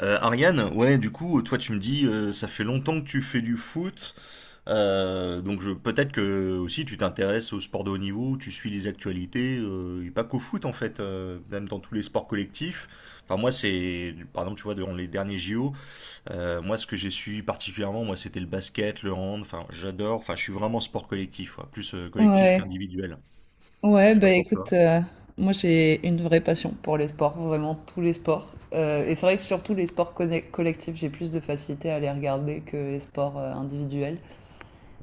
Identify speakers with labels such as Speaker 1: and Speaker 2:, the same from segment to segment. Speaker 1: Ariane, ouais, du coup, toi tu me dis, ça fait longtemps que tu fais du foot, peut-être que aussi tu t'intéresses au sport de haut niveau, tu suis les actualités, et pas qu'au foot en fait, même dans tous les sports collectifs. Enfin moi c'est, par exemple tu vois, dans les derniers JO, moi ce que j'ai suivi particulièrement, moi c'était le basket, le hand, enfin j'adore, enfin je suis vraiment sport collectif, quoi, plus collectif
Speaker 2: Ouais,
Speaker 1: qu'individuel.
Speaker 2: ouais,
Speaker 1: Je sais pas
Speaker 2: bah
Speaker 1: pour toi.
Speaker 2: écoute, moi j'ai une vraie passion pour les sports, vraiment tous les sports. Et c'est vrai que surtout les sports collectifs, j'ai plus de facilité à les regarder que les sports individuels.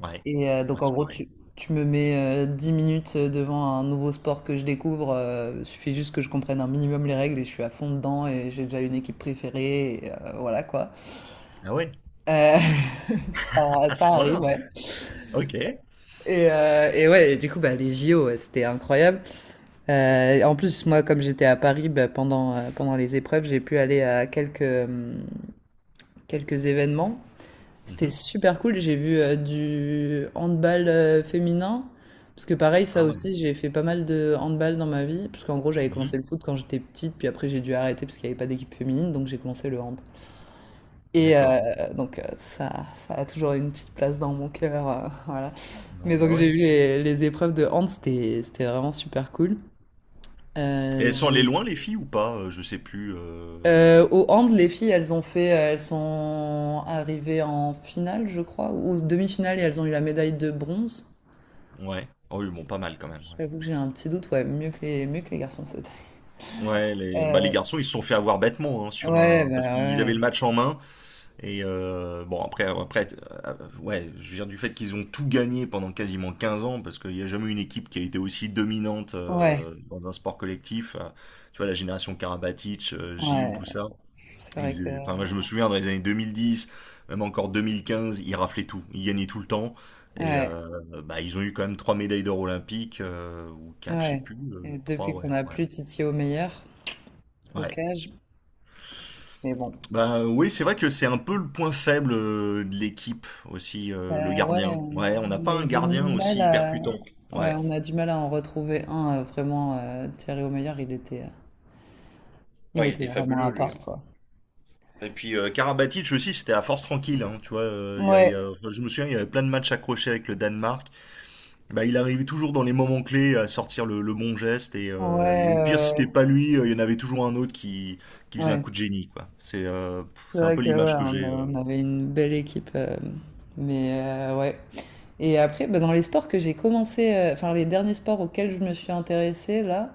Speaker 1: Ouais,
Speaker 2: Donc
Speaker 1: ouais
Speaker 2: en
Speaker 1: c'est
Speaker 2: gros,
Speaker 1: pareil.
Speaker 2: tu me mets 10 minutes devant un nouveau sport que je découvre. Suffit juste que je comprenne un minimum les règles et je suis à fond dedans et j'ai déjà une équipe préférée, et voilà quoi.
Speaker 1: Ah ouais,
Speaker 2: Euh, ça,
Speaker 1: à ce
Speaker 2: ça arrive,
Speaker 1: point-là.
Speaker 2: ouais.
Speaker 1: Ok.
Speaker 2: Et ouais, et du coup, bah, les JO, ouais, c'était incroyable. En plus, moi, comme j'étais à Paris, bah, pendant, pendant les épreuves, j'ai pu aller à quelques événements. C'était
Speaker 1: Mhm.
Speaker 2: super cool. J'ai vu du handball féminin. Parce que pareil, ça
Speaker 1: Ah ouais.
Speaker 2: aussi, j'ai fait pas mal de handball dans ma vie. Parce qu'en gros, j'avais commencé
Speaker 1: Mhm.
Speaker 2: le foot quand j'étais petite, puis après, j'ai dû arrêter parce qu'il n'y avait pas d'équipe féminine, donc j'ai commencé le hand. Et
Speaker 1: D'accord.
Speaker 2: euh, donc, ça, ça a toujours une petite place dans mon cœur, voilà.
Speaker 1: Non,
Speaker 2: Mais
Speaker 1: bah
Speaker 2: donc, j'ai
Speaker 1: ouais.
Speaker 2: vu les épreuves de hand, c'était vraiment super cool.
Speaker 1: Et elles sont allées
Speaker 2: J'ai
Speaker 1: loin, les filles, ou pas? Je sais plus.
Speaker 2: Au hand, les filles, elles sont arrivées en finale, je crois, ou demi-finale, et elles ont eu la médaille de bronze.
Speaker 1: Ouais. Oh oui, bon, pas mal quand même.
Speaker 2: J'avoue que j'ai un petit doute, ouais, mieux que les garçons, c'était.
Speaker 1: Ouais, ouais, Bah, les
Speaker 2: Euh,
Speaker 1: garçons, ils se sont fait avoir bêtement hein,
Speaker 2: ouais,
Speaker 1: parce
Speaker 2: bah
Speaker 1: qu'ils avaient
Speaker 2: ouais,
Speaker 1: le match en main. Bon, après, euh, ouais, je viens du fait qu'ils ont tout gagné pendant quasiment 15 ans, parce qu'il n'y a jamais eu une équipe qui a été aussi dominante
Speaker 2: ouais,
Speaker 1: dans un sport collectif. Tu vois, la génération Karabatic, Gilles,
Speaker 2: ouais.
Speaker 1: tout ça.
Speaker 2: C'est vrai que,
Speaker 1: Enfin, moi, je me souviens dans les années 2010, même encore 2015, ils raflaient tout, ils gagnaient tout le temps. Et
Speaker 2: ouais,
Speaker 1: euh, Bah, ils ont eu quand même trois médailles d'or olympiques, ou quatre, je sais
Speaker 2: ouais.
Speaker 1: plus,
Speaker 2: Et
Speaker 1: trois,
Speaker 2: depuis
Speaker 1: ouais,
Speaker 2: qu'on a
Speaker 1: ouais.
Speaker 2: plus Titi au meilleur, au
Speaker 1: Ouais.
Speaker 2: cage, mais bon.
Speaker 1: Bah oui, c'est vrai que c'est un peu le point faible de l'équipe aussi, le
Speaker 2: Bah ouais,
Speaker 1: gardien. Ouais, on n'a
Speaker 2: on
Speaker 1: pas
Speaker 2: a eu
Speaker 1: un
Speaker 2: du
Speaker 1: gardien
Speaker 2: mal
Speaker 1: aussi
Speaker 2: à,
Speaker 1: percutant.
Speaker 2: ouais,
Speaker 1: Ouais.
Speaker 2: on a du mal à en retrouver un vraiment. Thierry O'Meyer, il
Speaker 1: Ouais, il
Speaker 2: était
Speaker 1: était
Speaker 2: vraiment
Speaker 1: fabuleux
Speaker 2: à
Speaker 1: lui.
Speaker 2: part, quoi.
Speaker 1: Et puis Karabatic aussi, c'était la force tranquille, hein, tu vois.
Speaker 2: Ouais,
Speaker 1: Enfin, je me souviens, il y avait plein de matchs accrochés avec le Danemark. Bah, il arrivait toujours dans les moments clés à sortir le bon geste et,
Speaker 2: ouais,
Speaker 1: euh, et au pire si
Speaker 2: ouais,
Speaker 1: c'était pas lui, il y en avait toujours un autre qui faisait un
Speaker 2: ouais.
Speaker 1: coup de génie quoi. C'est euh, pff,
Speaker 2: C'est
Speaker 1: c'est un
Speaker 2: vrai
Speaker 1: peu
Speaker 2: que ouais,
Speaker 1: l'image que j'ai.
Speaker 2: on avait une belle équipe, mais ouais. Et après, bah, dans les sports que j'ai commencé, enfin les derniers sports auxquels je me suis intéressée là,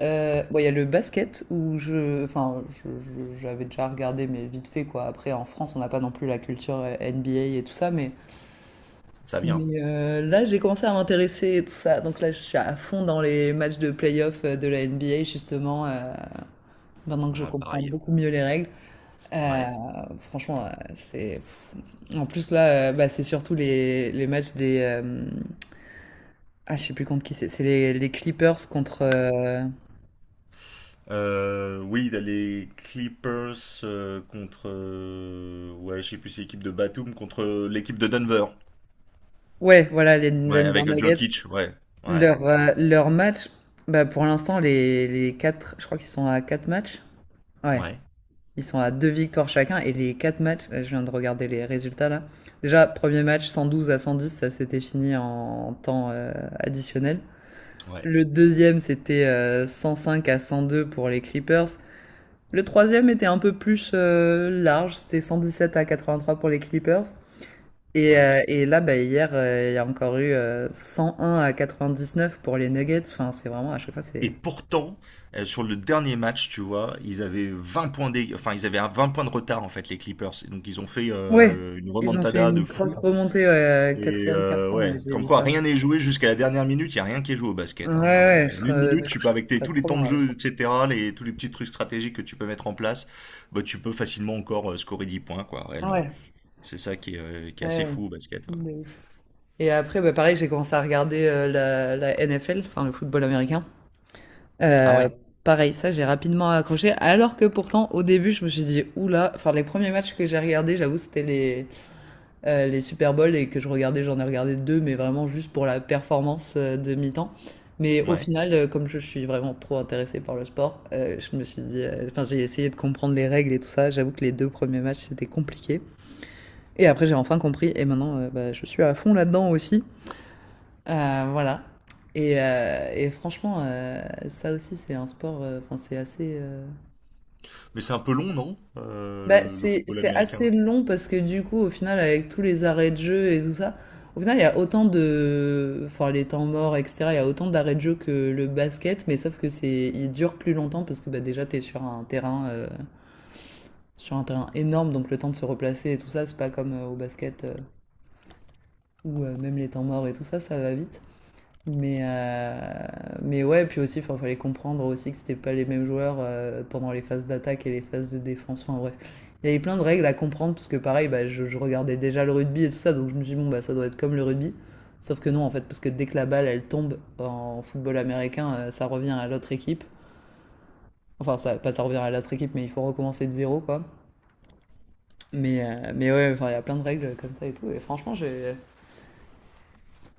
Speaker 2: bon, il y a le basket où je, enfin, je- j'avais déjà regardé, mais vite fait quoi. Après, en France, on n'a pas non plus la culture NBA et tout ça,
Speaker 1: Ça vient.
Speaker 2: mais là, j'ai commencé à m'intéresser et tout ça. Donc là, je suis à fond dans les matchs de playoff de la NBA justement, maintenant que je
Speaker 1: Ouais,
Speaker 2: comprends
Speaker 1: pareil.
Speaker 2: beaucoup mieux les règles. Euh,
Speaker 1: Ouais.
Speaker 2: Franchement, c'est. Pff. En plus, là, bah, c'est surtout les matchs des. Ah, je sais plus contre qui c'est. C'est les Clippers contre.
Speaker 1: Oui, il y a les Clippers contre ouais, je sais plus si c'est l'équipe de Batum contre l'équipe de Denver.
Speaker 2: Ouais, voilà, les
Speaker 1: Ouais,
Speaker 2: Denver
Speaker 1: avec
Speaker 2: Nuggets.
Speaker 1: Jokic, ouais. Ouais.
Speaker 2: Leur match, bah, pour l'instant, les quatre. Je crois qu'ils sont à quatre matchs. Ouais.
Speaker 1: Ouais.
Speaker 2: Ils sont à deux victoires chacun. Et les quatre matchs, là, je viens de regarder les résultats là. Déjà, premier match 112-110. Ça s'était fini en temps additionnel.
Speaker 1: Ouais.
Speaker 2: Le deuxième, c'était 105-102 pour les Clippers. Le troisième était un peu plus large, c'était 117-83 pour les Clippers. Et,
Speaker 1: Ouais.
Speaker 2: euh, et là, bah, hier, il y a encore eu 101-99 pour les Nuggets. Enfin, c'est vraiment, à chaque fois,
Speaker 1: Et
Speaker 2: c'est.
Speaker 1: pourtant, sur le dernier match, tu vois, ils avaient 20 points d'é- enfin ils avaient un 20 points de retard en fait les Clippers. Et donc ils ont fait
Speaker 2: Ouais,
Speaker 1: une
Speaker 2: ils ont fait
Speaker 1: remontada
Speaker 2: une
Speaker 1: de
Speaker 2: grosse
Speaker 1: fou.
Speaker 2: remontée, ouais, quatrième carton, ouais,
Speaker 1: Ouais,
Speaker 2: j'ai
Speaker 1: comme
Speaker 2: vu
Speaker 1: quoi
Speaker 2: ça.
Speaker 1: rien n'est joué jusqu'à la dernière minute. Il y a rien qui est joué au
Speaker 2: Ouais,
Speaker 1: basket, hein.
Speaker 2: ouais,
Speaker 1: En une minute,
Speaker 2: du
Speaker 1: tu
Speaker 2: coup, je
Speaker 1: peux
Speaker 2: trouve ça
Speaker 1: tous les
Speaker 2: trop
Speaker 1: temps
Speaker 2: bien,
Speaker 1: de
Speaker 2: ouais.
Speaker 1: jeu, etc., tous les petits trucs stratégiques que tu peux mettre en place, bah, tu peux facilement encore scorer 10 points quoi, réellement.
Speaker 2: Ouais,
Speaker 1: C'est ça qui est
Speaker 2: ouais,
Speaker 1: assez fou au basket, ouais.
Speaker 2: ouais, de ouf. Et après, bah, pareil, j'ai commencé à regarder la NFL, enfin le football américain.
Speaker 1: Ah ouais,
Speaker 2: Euh, Pareil, ça, j'ai rapidement accroché. Alors que pourtant, au début, je me suis dit, oula, enfin, les premiers matchs que j'ai regardés, j'avoue, c'était les Super Bowl et que je regardais, j'en ai regardé deux, mais vraiment juste pour la performance de mi-temps. Mais au
Speaker 1: ouais.
Speaker 2: final, comme je suis vraiment trop intéressée par le sport, je me suis dit, enfin, j'ai essayé de comprendre les règles et tout ça. J'avoue que les deux premiers matchs, c'était compliqué. Et après, j'ai enfin compris, et maintenant, bah, je suis à fond là-dedans aussi. Voilà. Et franchement, ça aussi, c'est un sport. Enfin, c'est assez.
Speaker 1: Mais c'est un peu long, non, Euh,
Speaker 2: Bah,
Speaker 1: le, le football
Speaker 2: c'est assez
Speaker 1: américain?
Speaker 2: long parce que du coup, au final, avec tous les arrêts de jeu et tout ça, au final, il y a autant de, enfin, les temps morts, etc. Il y a autant d'arrêts de jeu que le basket, mais sauf que c'est, il dure plus longtemps parce que bah, déjà, t'es sur un terrain énorme, donc le temps de se replacer et tout ça, c'est pas comme au basket où même les temps morts et tout ça, ça va vite. Mais, euh, mais ouais, puis aussi, il fallait comprendre aussi que c'était pas les mêmes joueurs pendant les phases d'attaque et les phases de défense. Enfin bref, il y avait plein de règles à comprendre parce que pareil, bah, je regardais déjà le rugby et tout ça, donc je me suis dit, bon, bah, ça doit être comme le rugby. Sauf que non, en fait, parce que dès que la balle, elle tombe en football américain, ça revient à l'autre équipe. Enfin, ça, pas ça revient à l'autre équipe, mais il faut recommencer de zéro, quoi. Mais ouais, enfin, il y a plein de règles comme ça et tout. Et franchement,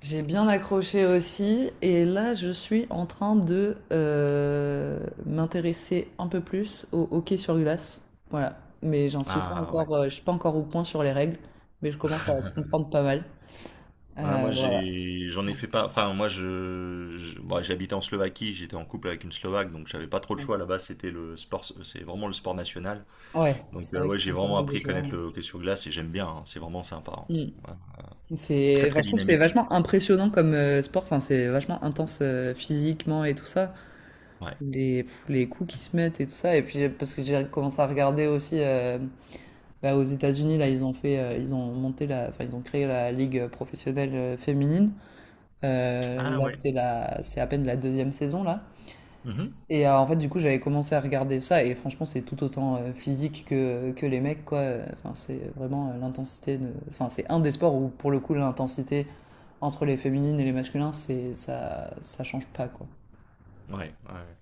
Speaker 2: j'ai bien accroché aussi, et là je suis en train de m'intéresser un peu plus au hockey sur glace. Voilà, mais j'en suis pas
Speaker 1: Ah ouais.
Speaker 2: encore, je suis pas encore au point sur les règles, mais je commence à comprendre pas mal.
Speaker 1: Ouais, moi
Speaker 2: Voilà.
Speaker 1: j'en ai fait pas enfin bon, j'habitais en Slovaquie, j'étais en couple avec une Slovaque donc j'avais pas trop le choix là-bas, c'est vraiment le sport national.
Speaker 2: Ouais,
Speaker 1: Donc
Speaker 2: c'est vrai
Speaker 1: ouais,
Speaker 2: qu'ils
Speaker 1: j'ai
Speaker 2: sont pas
Speaker 1: vraiment
Speaker 2: mal de
Speaker 1: appris à
Speaker 2: joueurs,
Speaker 1: connaître
Speaker 2: hein.
Speaker 1: le hockey sur glace et j'aime bien, hein, c'est vraiment sympa, hein.
Speaker 2: Mm.
Speaker 1: Ouais. Très
Speaker 2: C'est, enfin,
Speaker 1: très
Speaker 2: je trouve que c'est
Speaker 1: dynamique.
Speaker 2: vachement impressionnant comme sport. Enfin, c'est vachement intense physiquement et tout ça.
Speaker 1: Ouais.
Speaker 2: Les coups qui se mettent et tout ça. Et puis parce que j'ai commencé à regarder aussi. Bah, aux États-Unis, là, ils ont monté ils ont créé la ligue professionnelle féminine.
Speaker 1: Ah
Speaker 2: Là,
Speaker 1: ouais.
Speaker 2: c'est c'est à peine la deuxième saison là.
Speaker 1: Mhm.
Speaker 2: En fait, du coup, j'avais commencé à regarder ça et franchement, c'est tout autant physique que les mecs, quoi. Enfin, c'est vraiment l'intensité de, enfin, c'est un des sports où pour le coup, l'intensité entre les féminines et les masculins, c'est ça, ça change pas, quoi.
Speaker 1: Ouais, ouais.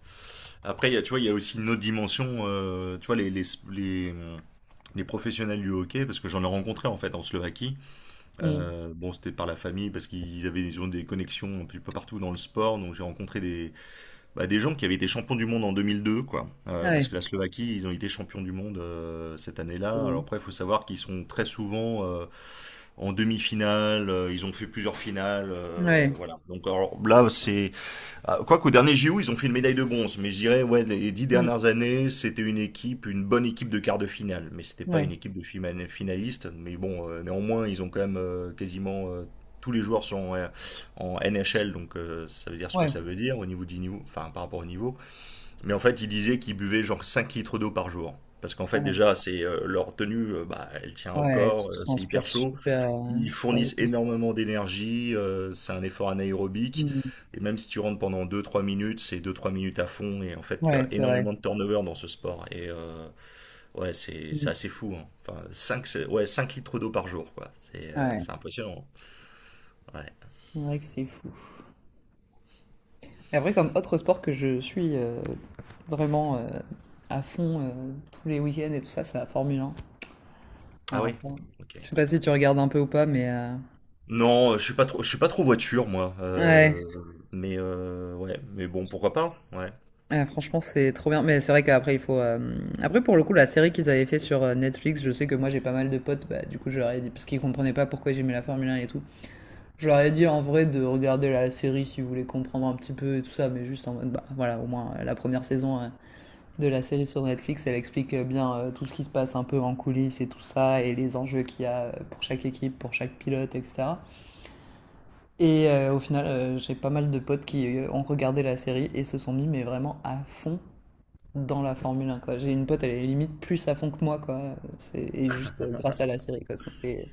Speaker 1: Après, tu vois, il y a aussi une autre dimension, tu vois, les, les professionnels du hockey, parce que j'en ai rencontré en fait en Slovaquie.
Speaker 2: Mm.
Speaker 1: Bon, c'était par la famille parce qu'ils avaient ils ont des connexions un peu partout dans le sport. Donc j'ai rencontré bah, des gens qui avaient été champions du monde en 2002, quoi.
Speaker 2: Ah
Speaker 1: Parce
Speaker 2: ouais.
Speaker 1: que la Slovaquie, ils ont été champions du monde cette année-là.
Speaker 2: c'est-
Speaker 1: Alors après, il faut savoir qu'ils sont très souvent en demi-finale. Ils ont fait plusieurs finales.
Speaker 2: Ouais.
Speaker 1: Voilà. Quoique au dernier JO, ils ont fait une médaille de bronze, mais je dirais, ouais, les dix
Speaker 2: Mm.
Speaker 1: dernières années, c'était une équipe, une bonne équipe de quart de finale, mais c'était pas
Speaker 2: Ouais.
Speaker 1: une équipe de finalistes. Mais bon, néanmoins, ils ont quand même quasiment tous les joueurs sont en NHL, donc ça veut dire ce que
Speaker 2: Ouais.
Speaker 1: ça veut dire au niveau du niveau, enfin par rapport au niveau. Mais en fait, ils disaient qu'ils buvaient genre 5 litres d'eau par jour. Parce qu'en fait,
Speaker 2: Ouais.
Speaker 1: déjà, c'est leur tenue, bah, elle tient au
Speaker 2: Ouais,
Speaker 1: corps,
Speaker 2: tu
Speaker 1: c'est
Speaker 2: transpires
Speaker 1: hyper chaud.
Speaker 2: super,
Speaker 1: Ils
Speaker 2: super.
Speaker 1: fournissent énormément d'énergie, c'est un effort anaérobique. Et même si tu rentres pendant deux-trois minutes, c'est deux-trois minutes à fond. Et en fait, tu as
Speaker 2: Ouais, c'est vrai.
Speaker 1: énormément de turnover dans ce sport. Ouais, c'est
Speaker 2: Mm.
Speaker 1: assez fou, hein. Enfin, 5 ouais, 5 litres d'eau par jour, quoi. C'est euh,
Speaker 2: Ouais,
Speaker 1: c'est impressionnant. Ouais.
Speaker 2: c'est vrai que c'est fou. Et après, comme autre sport que je suis vraiment à fond tous les week-ends et tout ça, c'est la Formule 1.
Speaker 1: Ah
Speaker 2: Alors,
Speaker 1: oui?
Speaker 2: ça,
Speaker 1: Ok.
Speaker 2: je sais pas si tu regardes un peu ou pas, mais
Speaker 1: Non, je suis pas trop voiture moi,
Speaker 2: ouais,
Speaker 1: ouais, mais bon, pourquoi pas, ouais.
Speaker 2: ouais, franchement, c'est trop bien. Mais c'est vrai qu'après, il faut. Après, pour le coup, la série qu'ils avaient fait sur Netflix, je sais que moi, j'ai pas mal de potes, bah, du coup, je leur ai dit, parce qu'ils comprenaient pas pourquoi j'aimais la Formule 1 et tout. Je leur ai dit en vrai de regarder la série si vous voulez comprendre un petit peu et tout ça, mais juste en mode, bah voilà, au moins la première saison. De la série sur Netflix. Elle explique bien tout ce qui se passe un peu en coulisses et tout ça, et les enjeux qu'il y a pour chaque équipe, pour chaque pilote, etc. Au final, j'ai pas mal de potes qui ont regardé la série et se sont mis mais vraiment à fond dans la Formule 1, quoi. J'ai une pote, elle est limite plus à fond que moi, quoi. C'est, et juste grâce à la série, quoi. Ça,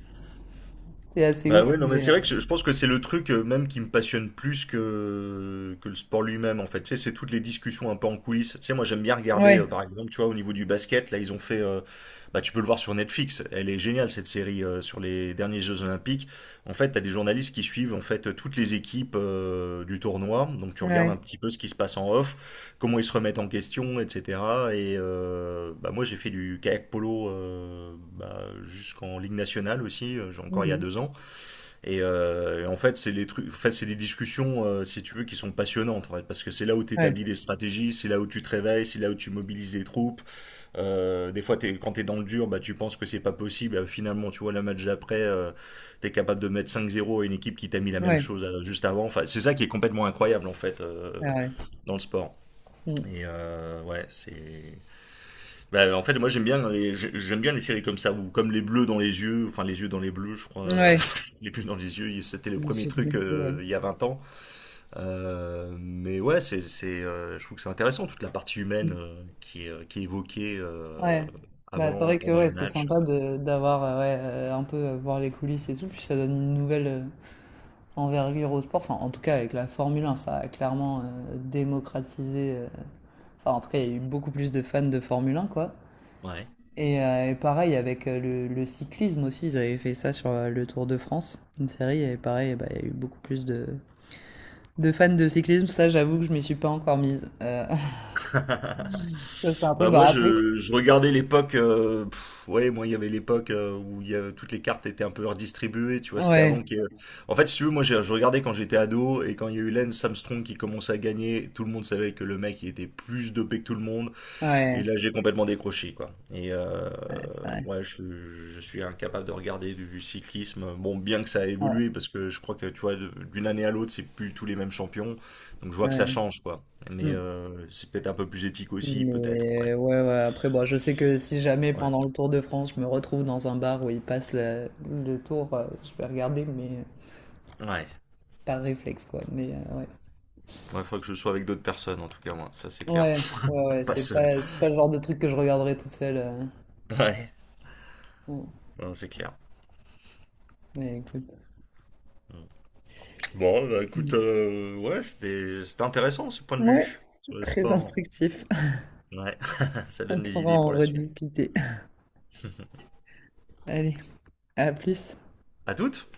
Speaker 2: c'est assez
Speaker 1: Bah
Speaker 2: ouf,
Speaker 1: ouais, non mais
Speaker 2: mais.
Speaker 1: c'est vrai que je pense que c'est le truc même qui me passionne plus que le sport lui-même en fait. Tu sais, c'est toutes les discussions un peu en coulisses. Tu sais, moi j'aime bien regarder
Speaker 2: Ouais,
Speaker 1: par exemple, tu vois, au niveau du basket, là ils ont fait, bah tu peux le voir sur Netflix. Elle est géniale cette série sur les derniers Jeux Olympiques. En fait, t'as des journalistes qui suivent en fait toutes les équipes du tournoi. Donc tu regardes un
Speaker 2: ouais,
Speaker 1: petit peu ce qui se passe en off, comment ils se remettent en question, etc. Bah moi j'ai fait du kayak polo bah, jusqu'en Ligue nationale aussi, j'ai encore il y a
Speaker 2: ouais,
Speaker 1: 2 ans. Et en fait, c'est les trucs, en fait, c'est des discussions, si tu veux, qui sont passionnantes, en fait, parce que c'est là où tu
Speaker 2: ouais,
Speaker 1: établis des
Speaker 2: ouais,
Speaker 1: stratégies, c'est là où tu te réveilles, c'est là où tu mobilises des troupes. Des fois, quand t'es dans le dur, bah, tu penses que c'est pas possible. Et finalement, tu vois, le match d'après, t'es capable de mettre 5-0 à une équipe qui t'a mis la même
Speaker 2: ouais,
Speaker 1: chose juste avant. Enfin, c'est ça qui est complètement incroyable, en fait,
Speaker 2: ouais,
Speaker 1: dans le sport. Ouais, c'est bah, en fait, moi j'aime bien les séries comme ça ou comme les bleus dans les yeux, enfin les yeux dans les bleus, je crois.
Speaker 2: ouais, ouais,
Speaker 1: Les bleus dans les yeux, c'était le premier
Speaker 2: ouais,
Speaker 1: truc
Speaker 2: ouais,
Speaker 1: il y a 20 ans. Mais ouais, c'est je trouve que c'est intéressant toute la partie
Speaker 2: ouais,
Speaker 1: humaine qui est évoquée
Speaker 2: ouais, bah, c'est
Speaker 1: avant,
Speaker 2: vrai que
Speaker 1: pendant
Speaker 2: ouais,
Speaker 1: les
Speaker 2: c'est
Speaker 1: matchs.
Speaker 2: sympa de d'avoir ouais, un peu voir les coulisses et tout, puis ça donne une nouvelle envergure au sport. Enfin, en tout cas, avec la Formule 1 ça a clairement démocratisé. Enfin, en tout cas, il y a eu beaucoup plus de fans de Formule 1 quoi.
Speaker 1: Ouais.
Speaker 2: Et pareil avec le cyclisme aussi, ils avaient fait ça sur le Tour de France, une série, et pareil, bah, il y a eu beaucoup plus de fans de cyclisme. Ça, j'avoue que je m'y suis pas encore mise. Ça, c'est un truc,
Speaker 1: Bah moi
Speaker 2: bah, après.
Speaker 1: je regardais l'époque, ouais moi il y avait l'époque où il y avait- toutes les cartes étaient un peu redistribuées, tu vois, c'était avant
Speaker 2: Ouais,
Speaker 1: que, en fait, si tu veux, moi je regardais quand j'étais ado. Et quand il y a eu Lance Armstrong qui commençait à gagner, tout le monde savait que le mec il était plus dopé que tout le monde, et
Speaker 2: ouais,
Speaker 1: là, j'ai complètement décroché, quoi.
Speaker 2: ouais, c'est vrai.
Speaker 1: Ouais, je suis incapable de regarder du cyclisme. Bon, bien que ça a
Speaker 2: Ouais,
Speaker 1: évolué, parce que je crois que, tu vois, d'une année à l'autre, c'est plus tous les mêmes champions. Donc, je vois que
Speaker 2: ouais.
Speaker 1: ça change, quoi.
Speaker 2: Mm.
Speaker 1: C'est peut-être un peu plus éthique aussi, peut-être. Ouais.
Speaker 2: Mais ouais, ouais, après, bon, je sais que si jamais
Speaker 1: Ouais.
Speaker 2: pendant le Tour de France, je me retrouve dans un bar où il passe le tour, je vais regarder, mais
Speaker 1: Ouais.
Speaker 2: par réflexe, quoi. Mais ouais.
Speaker 1: Il faudrait que je sois avec d'autres personnes, en tout cas, moi. Ça, c'est clair.
Speaker 2: Ouais, ouais, ouais,
Speaker 1: Pas seul.
Speaker 2: c'est pas le genre de truc que je regarderai toute seule,
Speaker 1: Ouais.
Speaker 2: ouais.
Speaker 1: Non, c'est clair.
Speaker 2: Mais écoute.
Speaker 1: Bon, bah, écoute,
Speaker 2: Mm.
Speaker 1: ouais, c'était intéressant, ce point de
Speaker 2: Ouais,
Speaker 1: vue sur le
Speaker 2: très
Speaker 1: sport.
Speaker 2: instructif.
Speaker 1: Ouais. Ça
Speaker 2: On
Speaker 1: donne des
Speaker 2: pourra
Speaker 1: idées
Speaker 2: en
Speaker 1: pour la suite.
Speaker 2: rediscuter. Allez, à plus.
Speaker 1: À toutes!